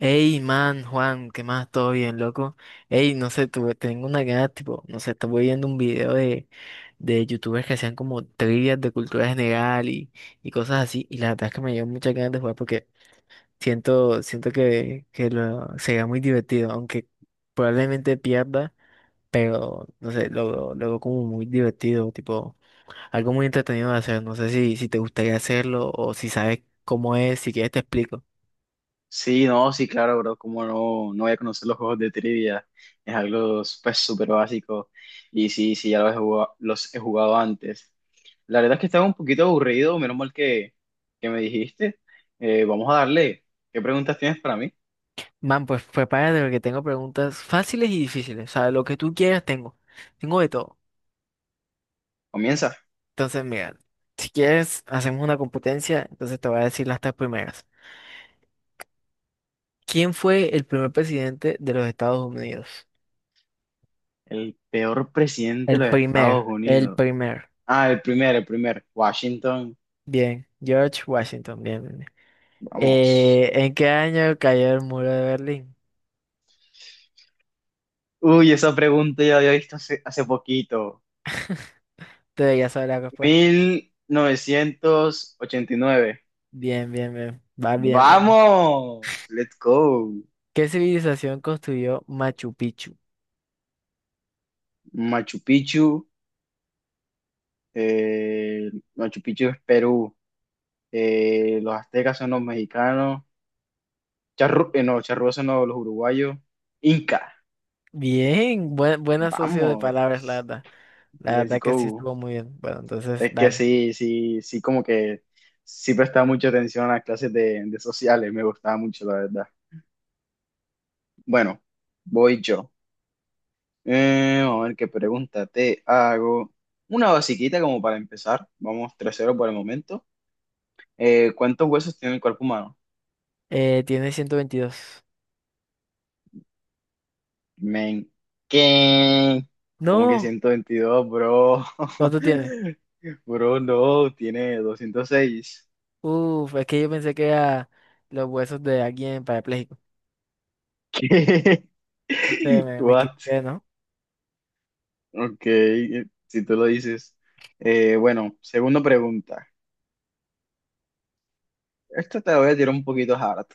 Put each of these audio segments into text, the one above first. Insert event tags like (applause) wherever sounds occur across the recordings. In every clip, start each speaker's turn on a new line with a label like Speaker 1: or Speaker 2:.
Speaker 1: Ey, man, Juan, ¿qué más? ¿Todo bien, loco? Ey, no sé, tengo una gana, tipo, no sé, estuve viendo un video de youtubers que hacían como trivias de cultura general y cosas así, y la verdad es que me dio muchas ganas de jugar porque siento que sería muy divertido, aunque probablemente pierda, pero, no sé, lo veo como muy divertido, tipo, algo muy entretenido de hacer, no sé si te gustaría hacerlo o si sabes cómo es, si quieres te explico.
Speaker 2: Sí, no, sí, claro, bro, como no, no voy a conocer los juegos de trivia, es algo pues súper básico y sí, sí, ya los he jugado antes. La verdad es que estaba un poquito aburrido, menos mal que me dijiste. Vamos a darle, ¿qué preguntas tienes para mí?
Speaker 1: Man, pues prepárate porque tengo preguntas fáciles y difíciles. O sea, lo que tú quieras tengo. Tengo de todo.
Speaker 2: Comienza.
Speaker 1: Entonces, mira, si quieres, hacemos una competencia. Entonces te voy a decir las tres primeras. ¿Quién fue el primer presidente de los Estados Unidos?
Speaker 2: El peor presidente
Speaker 1: El
Speaker 2: de los Estados
Speaker 1: primer, el
Speaker 2: Unidos.
Speaker 1: primer.
Speaker 2: Ah, Washington,
Speaker 1: Bien, George Washington, bien, bien, bien.
Speaker 2: vamos.
Speaker 1: ¿En qué año cayó el muro de Berlín?
Speaker 2: Uy, esa pregunta ya la había visto hace poquito.
Speaker 1: Te debería saber la respuesta.
Speaker 2: 1989.
Speaker 1: Bien, bien, bien. Va bien, va bien.
Speaker 2: Vamos, let's go.
Speaker 1: ¿Qué civilización construyó Machu Picchu?
Speaker 2: Machu Picchu, eh, Machu Picchu es Perú, los aztecas son los mexicanos, charru no, charrúas son los, uruguayos, Inca,
Speaker 1: Bien, buen asocio de
Speaker 2: vamos,
Speaker 1: palabras, la verdad. La
Speaker 2: let's
Speaker 1: verdad que sí
Speaker 2: go.
Speaker 1: estuvo muy bien. Bueno, entonces,
Speaker 2: Es que
Speaker 1: dale.
Speaker 2: sí, sí, sí, como que sí prestaba mucha atención a las clases de sociales, me gustaba mucho, la verdad. Bueno, voy yo. Vamos a ver qué pregunta te hago. Una basiquita como para empezar. Vamos 3-0 por el momento. ¿Cuántos huesos tiene el cuerpo humano?
Speaker 1: Tiene 122.
Speaker 2: Men, ¿qué? ¿Como que
Speaker 1: No,
Speaker 2: 122, bro?
Speaker 1: ¿cuánto tiene?
Speaker 2: (laughs) Bro, no, tiene 206.
Speaker 1: Uf, es que yo pensé que era los huesos de alguien parapléjico.
Speaker 2: ¿Qué?
Speaker 1: Entonces
Speaker 2: (laughs)
Speaker 1: me
Speaker 2: What?
Speaker 1: equivoqué, ¿no?
Speaker 2: Ok, si tú lo dices. Bueno, segunda pregunta. Esta te la voy a tirar un poquito hard.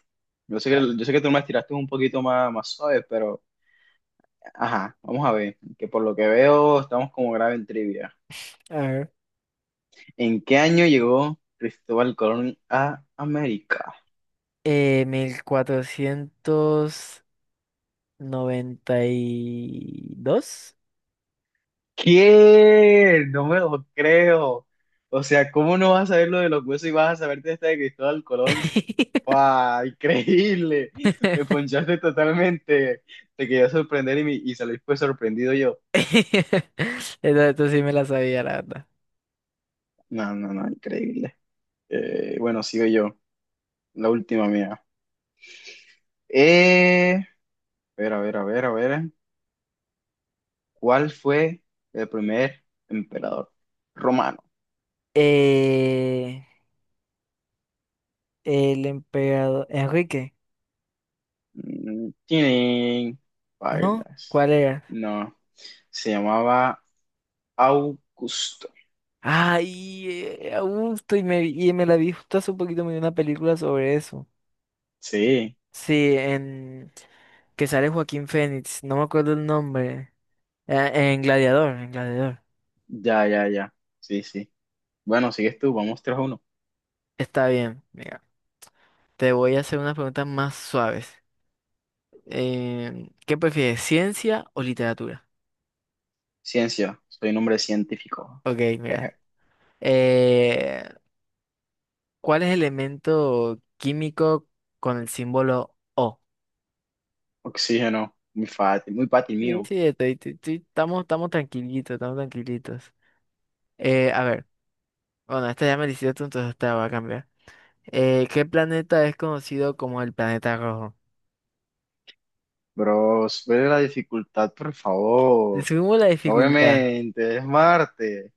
Speaker 2: Yo sé que,
Speaker 1: A
Speaker 2: yo sé que tú me la tiraste un poquito más suave, pero ajá, vamos a ver. Que por lo que veo, estamos como grave en trivia.
Speaker 1: a ver.
Speaker 2: ¿En qué año llegó Cristóbal Colón a América?
Speaker 1: 1492.
Speaker 2: ¿Qué? No me lo creo. O sea, ¿cómo no vas a saber lo de los huesos y vas a saberte esta de Cristóbal Colón?
Speaker 1: (laughs)
Speaker 2: ¡Wow! Increíble. Me ponchaste totalmente. Te quería sorprender y salí pues sorprendido yo.
Speaker 1: Esto sí me la sabía, la verdad.
Speaker 2: No, no, no, increíble. Bueno, sigo yo. La última mía. Eh, a ver, a ver, a ver, a ver. ¿Cuál fue el primer emperador romano?
Speaker 1: Eh, el emperador Enrique.
Speaker 2: Tienen
Speaker 1: ¿No?
Speaker 2: bailas.
Speaker 1: ¿Cuál era?
Speaker 2: No, se llamaba Augusto.
Speaker 1: Ah, y, a gusto, y me la vi justo hace un poquito, me vi una película sobre eso.
Speaker 2: Sí,
Speaker 1: Sí, en que sale Joaquín Phoenix, no me acuerdo el nombre. En Gladiador, en Gladiador.
Speaker 2: ya, ya, ya. Sí, sí. Bueno, sigues tú, vamos 3-1.
Speaker 1: Está bien, mira, te voy a hacer unas preguntas más suaves. ¿Qué prefieres, ciencia o literatura?
Speaker 2: Ciencia, soy un hombre científico.
Speaker 1: Ok, mira.
Speaker 2: Jeje.
Speaker 1: Eh, ¿Cuál es el elemento químico con el símbolo O?
Speaker 2: Oxígeno, muy fácil
Speaker 1: Sí,
Speaker 2: mío.
Speaker 1: sí, estamos tranquilitos, estamos tranquilitos. A ver, bueno, esta ya me la hiciste, entonces esta va a cambiar. ¿Qué planeta es conocido como el planeta rojo?
Speaker 2: Bro, sube la dificultad, por
Speaker 1: Le
Speaker 2: favor.
Speaker 1: subimos la dificultad.
Speaker 2: Obviamente, es Marte.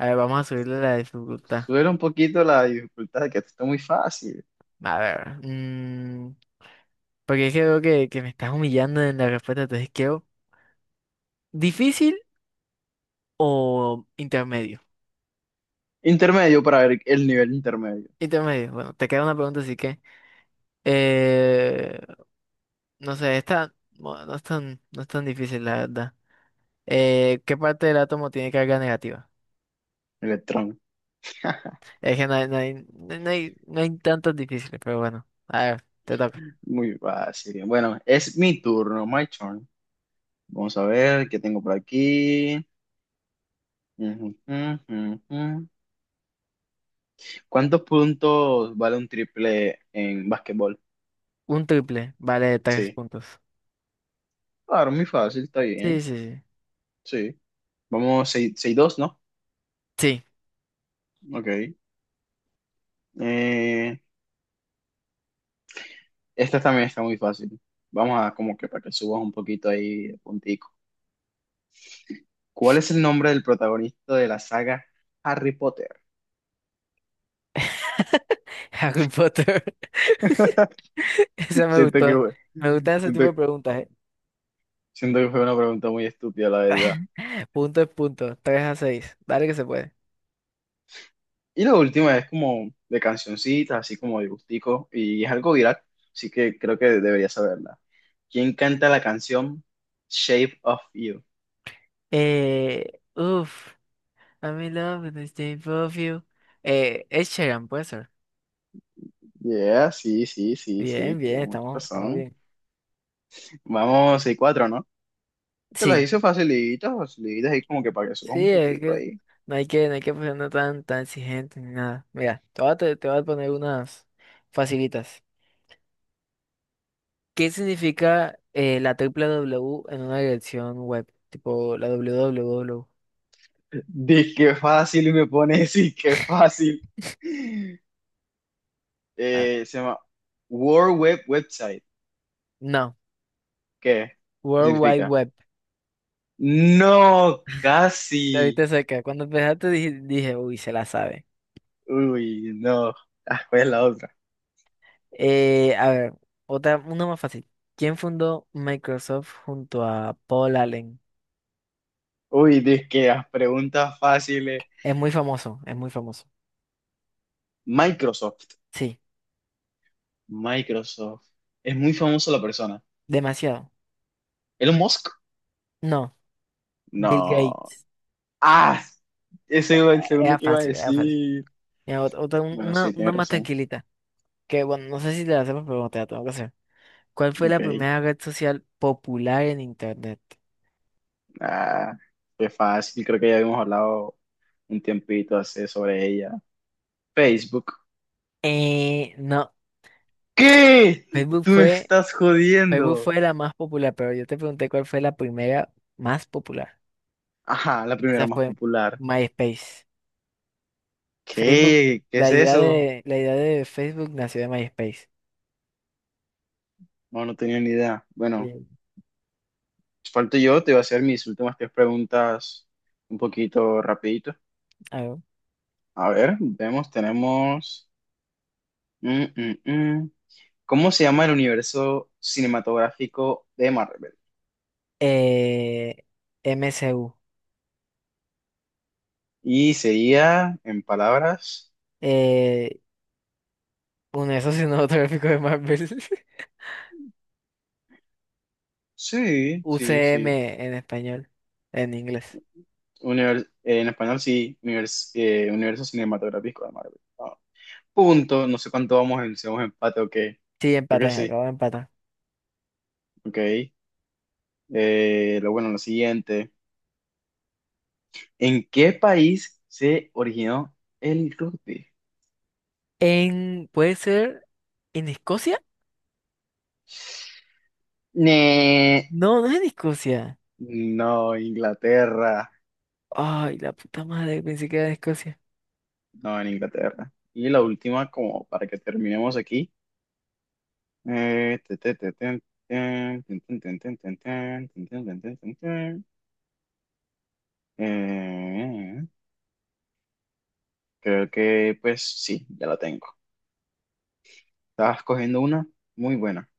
Speaker 1: A ver, vamos a subirle la dificultad.
Speaker 2: Sube un poquito la dificultad, que esto está muy fácil.
Speaker 1: A ver, porque es que veo que me estás humillando en la respuesta, entonces quiero... ¿Difícil o intermedio?
Speaker 2: Intermedio para ver el nivel intermedio.
Speaker 1: Intermedio, bueno, te queda una pregunta, así que... eh, no sé, esta... bueno, no es tan difícil, la verdad. ¿Qué parte del átomo tiene carga negativa?
Speaker 2: Electrón.
Speaker 1: Es que no hay tantos difíciles, pero bueno. A ver, te toca.
Speaker 2: Muy fácil. Bueno, es mi turno, my turn. Vamos a ver qué tengo por aquí. Ujú, ujú, ujú. ¿Cuántos puntos vale un triple en básquetbol?
Speaker 1: Un triple vale tres
Speaker 2: Sí.
Speaker 1: puntos.
Speaker 2: Claro, muy fácil, está
Speaker 1: Sí, sí,
Speaker 2: bien.
Speaker 1: sí.
Speaker 2: Sí. Vamos 6-2, ¿no?
Speaker 1: Sí.
Speaker 2: Ok. Eh, Esta también está muy fácil. Vamos a como que para que subas un poquito ahí de puntico. ¿Cuál es el nombre del protagonista de la saga Harry Potter?
Speaker 1: (laughs) Harry Potter. (laughs)
Speaker 2: (laughs)
Speaker 1: Esa me
Speaker 2: Siento
Speaker 1: gustó.
Speaker 2: que,
Speaker 1: Me gustan ese
Speaker 2: siento,
Speaker 1: tipo de preguntas, eh.
Speaker 2: Siento que fue una pregunta muy estúpida, la verdad.
Speaker 1: (laughs) Punto es punto. 3-6. Dale que se puede.
Speaker 2: Y la última es como de cancioncitas, así como de gustico, y es algo viral, así que creo que debería saberla. ¿Quién canta la canción Shape of You?
Speaker 1: Eh, uf. I'm in love with the shape of you. Ed Sheeran, puede ser.
Speaker 2: Yeah, sí, sí, sí,
Speaker 1: Bien,
Speaker 2: sí,
Speaker 1: bien,
Speaker 2: tienes mucha
Speaker 1: estamos
Speaker 2: razón.
Speaker 1: bien.
Speaker 2: Vamos, 6 cuatro, ¿no? Te las
Speaker 1: Sí.
Speaker 2: hice facilitas, facilitas, ahí como que para que subas
Speaker 1: Sí,
Speaker 2: un
Speaker 1: es
Speaker 2: putico
Speaker 1: que
Speaker 2: ahí.
Speaker 1: no hay que ponernos tan exigentes ni nada. Mira, te voy a poner unas facilitas. ¿Qué significa la triple W en una dirección web? Tipo la www.
Speaker 2: (laughs) Qué fácil, y me pones, sí, qué fácil.
Speaker 1: Ah,
Speaker 2: Se llama World Web Website.
Speaker 1: no,
Speaker 2: ¿Qué? ¿Qué
Speaker 1: World Wide
Speaker 2: significa?
Speaker 1: Web.
Speaker 2: No,
Speaker 1: Te
Speaker 2: casi.
Speaker 1: viste cerca. Cuando empezaste dije, uy, se la sabe.
Speaker 2: Uy, no. Ah, ¿cuál es la otra?
Speaker 1: A ver, otra, una más fácil. ¿Quién fundó Microsoft junto a Paul Allen?
Speaker 2: Uy, dizque las preguntas fáciles.
Speaker 1: Es muy famoso, es muy famoso.
Speaker 2: Microsoft.
Speaker 1: Sí,
Speaker 2: Microsoft. Es muy famoso la persona.
Speaker 1: demasiado.
Speaker 2: ¿Elon Musk?
Speaker 1: No, Bill
Speaker 2: No.
Speaker 1: Gates.
Speaker 2: Ah, ese era el segundo
Speaker 1: Era
Speaker 2: que iba a
Speaker 1: fácil, era fácil.
Speaker 2: decir.
Speaker 1: Mira, otra,
Speaker 2: Bueno, sí, tiene
Speaker 1: una más
Speaker 2: razón.
Speaker 1: tranquilita. Que bueno, no sé si te la hacemos, pero te la tengo que hacer. ¿Cuál fue la
Speaker 2: Ok.
Speaker 1: primera red social popular en internet?
Speaker 2: Ah, fue fácil. Creo que ya habíamos hablado un tiempito hace sobre ella. Facebook.
Speaker 1: No,
Speaker 2: ¿Qué?
Speaker 1: Facebook
Speaker 2: Tú me
Speaker 1: fue,
Speaker 2: estás
Speaker 1: Facebook
Speaker 2: jodiendo.
Speaker 1: fue la más popular, pero yo te pregunté cuál fue la primera más popular.
Speaker 2: Ajá, la
Speaker 1: Y
Speaker 2: primera
Speaker 1: esa
Speaker 2: más
Speaker 1: fue
Speaker 2: popular.
Speaker 1: MySpace. Facebook,
Speaker 2: ¿Qué? ¿Qué
Speaker 1: la
Speaker 2: es
Speaker 1: idea
Speaker 2: eso?
Speaker 1: de, la idea de Facebook nació de MySpace.
Speaker 2: No, no tenía ni idea. Bueno,
Speaker 1: Sí.
Speaker 2: falto yo, te voy a hacer mis últimas tres preguntas un poquito rapidito.
Speaker 1: Algo.
Speaker 2: A ver, vemos, tenemos. mm, mm, mm. ¿Cómo se llama el universo cinematográfico de Marvel?
Speaker 1: Eh, MSU.
Speaker 2: Y sería, en palabras,
Speaker 1: Eh, un eso cinematográfico de Marvel. (laughs)
Speaker 2: sí, sí,
Speaker 1: UCM
Speaker 2: sí.
Speaker 1: en español, en inglés.
Speaker 2: En español, sí, universo cinematográfico de Marvel. Ah, punto, no sé cuánto vamos en, si vamos en empate o qué.
Speaker 1: Sí,
Speaker 2: Creo
Speaker 1: empaté,
Speaker 2: que sí,
Speaker 1: acabo de empatar.
Speaker 2: ok. Lo bueno, lo siguiente. ¿En qué país se originó el rugby?
Speaker 1: ¿Puede ser en Escocia?
Speaker 2: Ne-
Speaker 1: No, no es en Escocia.
Speaker 2: No, Inglaterra.
Speaker 1: Ay, la puta madre, pensé que era en Escocia.
Speaker 2: No, en Inglaterra. Y la última, como para que terminemos aquí. Eh, te- te- te- ten- ten, ten. Eh, Creo que, pues sí, ya la tengo. Estabas cogiendo una muy buena.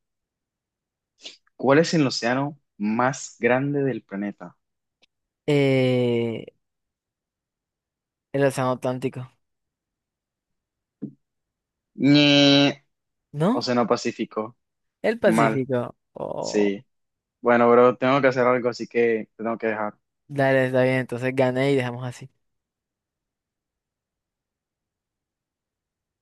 Speaker 2: ¿Cuál es el océano más grande del planeta?
Speaker 1: Eh, el Océano Atlántico. ¿No?
Speaker 2: Océano Pacífico.
Speaker 1: El
Speaker 2: Mal.
Speaker 1: Pacífico. Oh,
Speaker 2: Sí. Bueno, bro, tengo que hacer algo, así que te tengo que dejar.
Speaker 1: dale, está bien, entonces gané y dejamos así.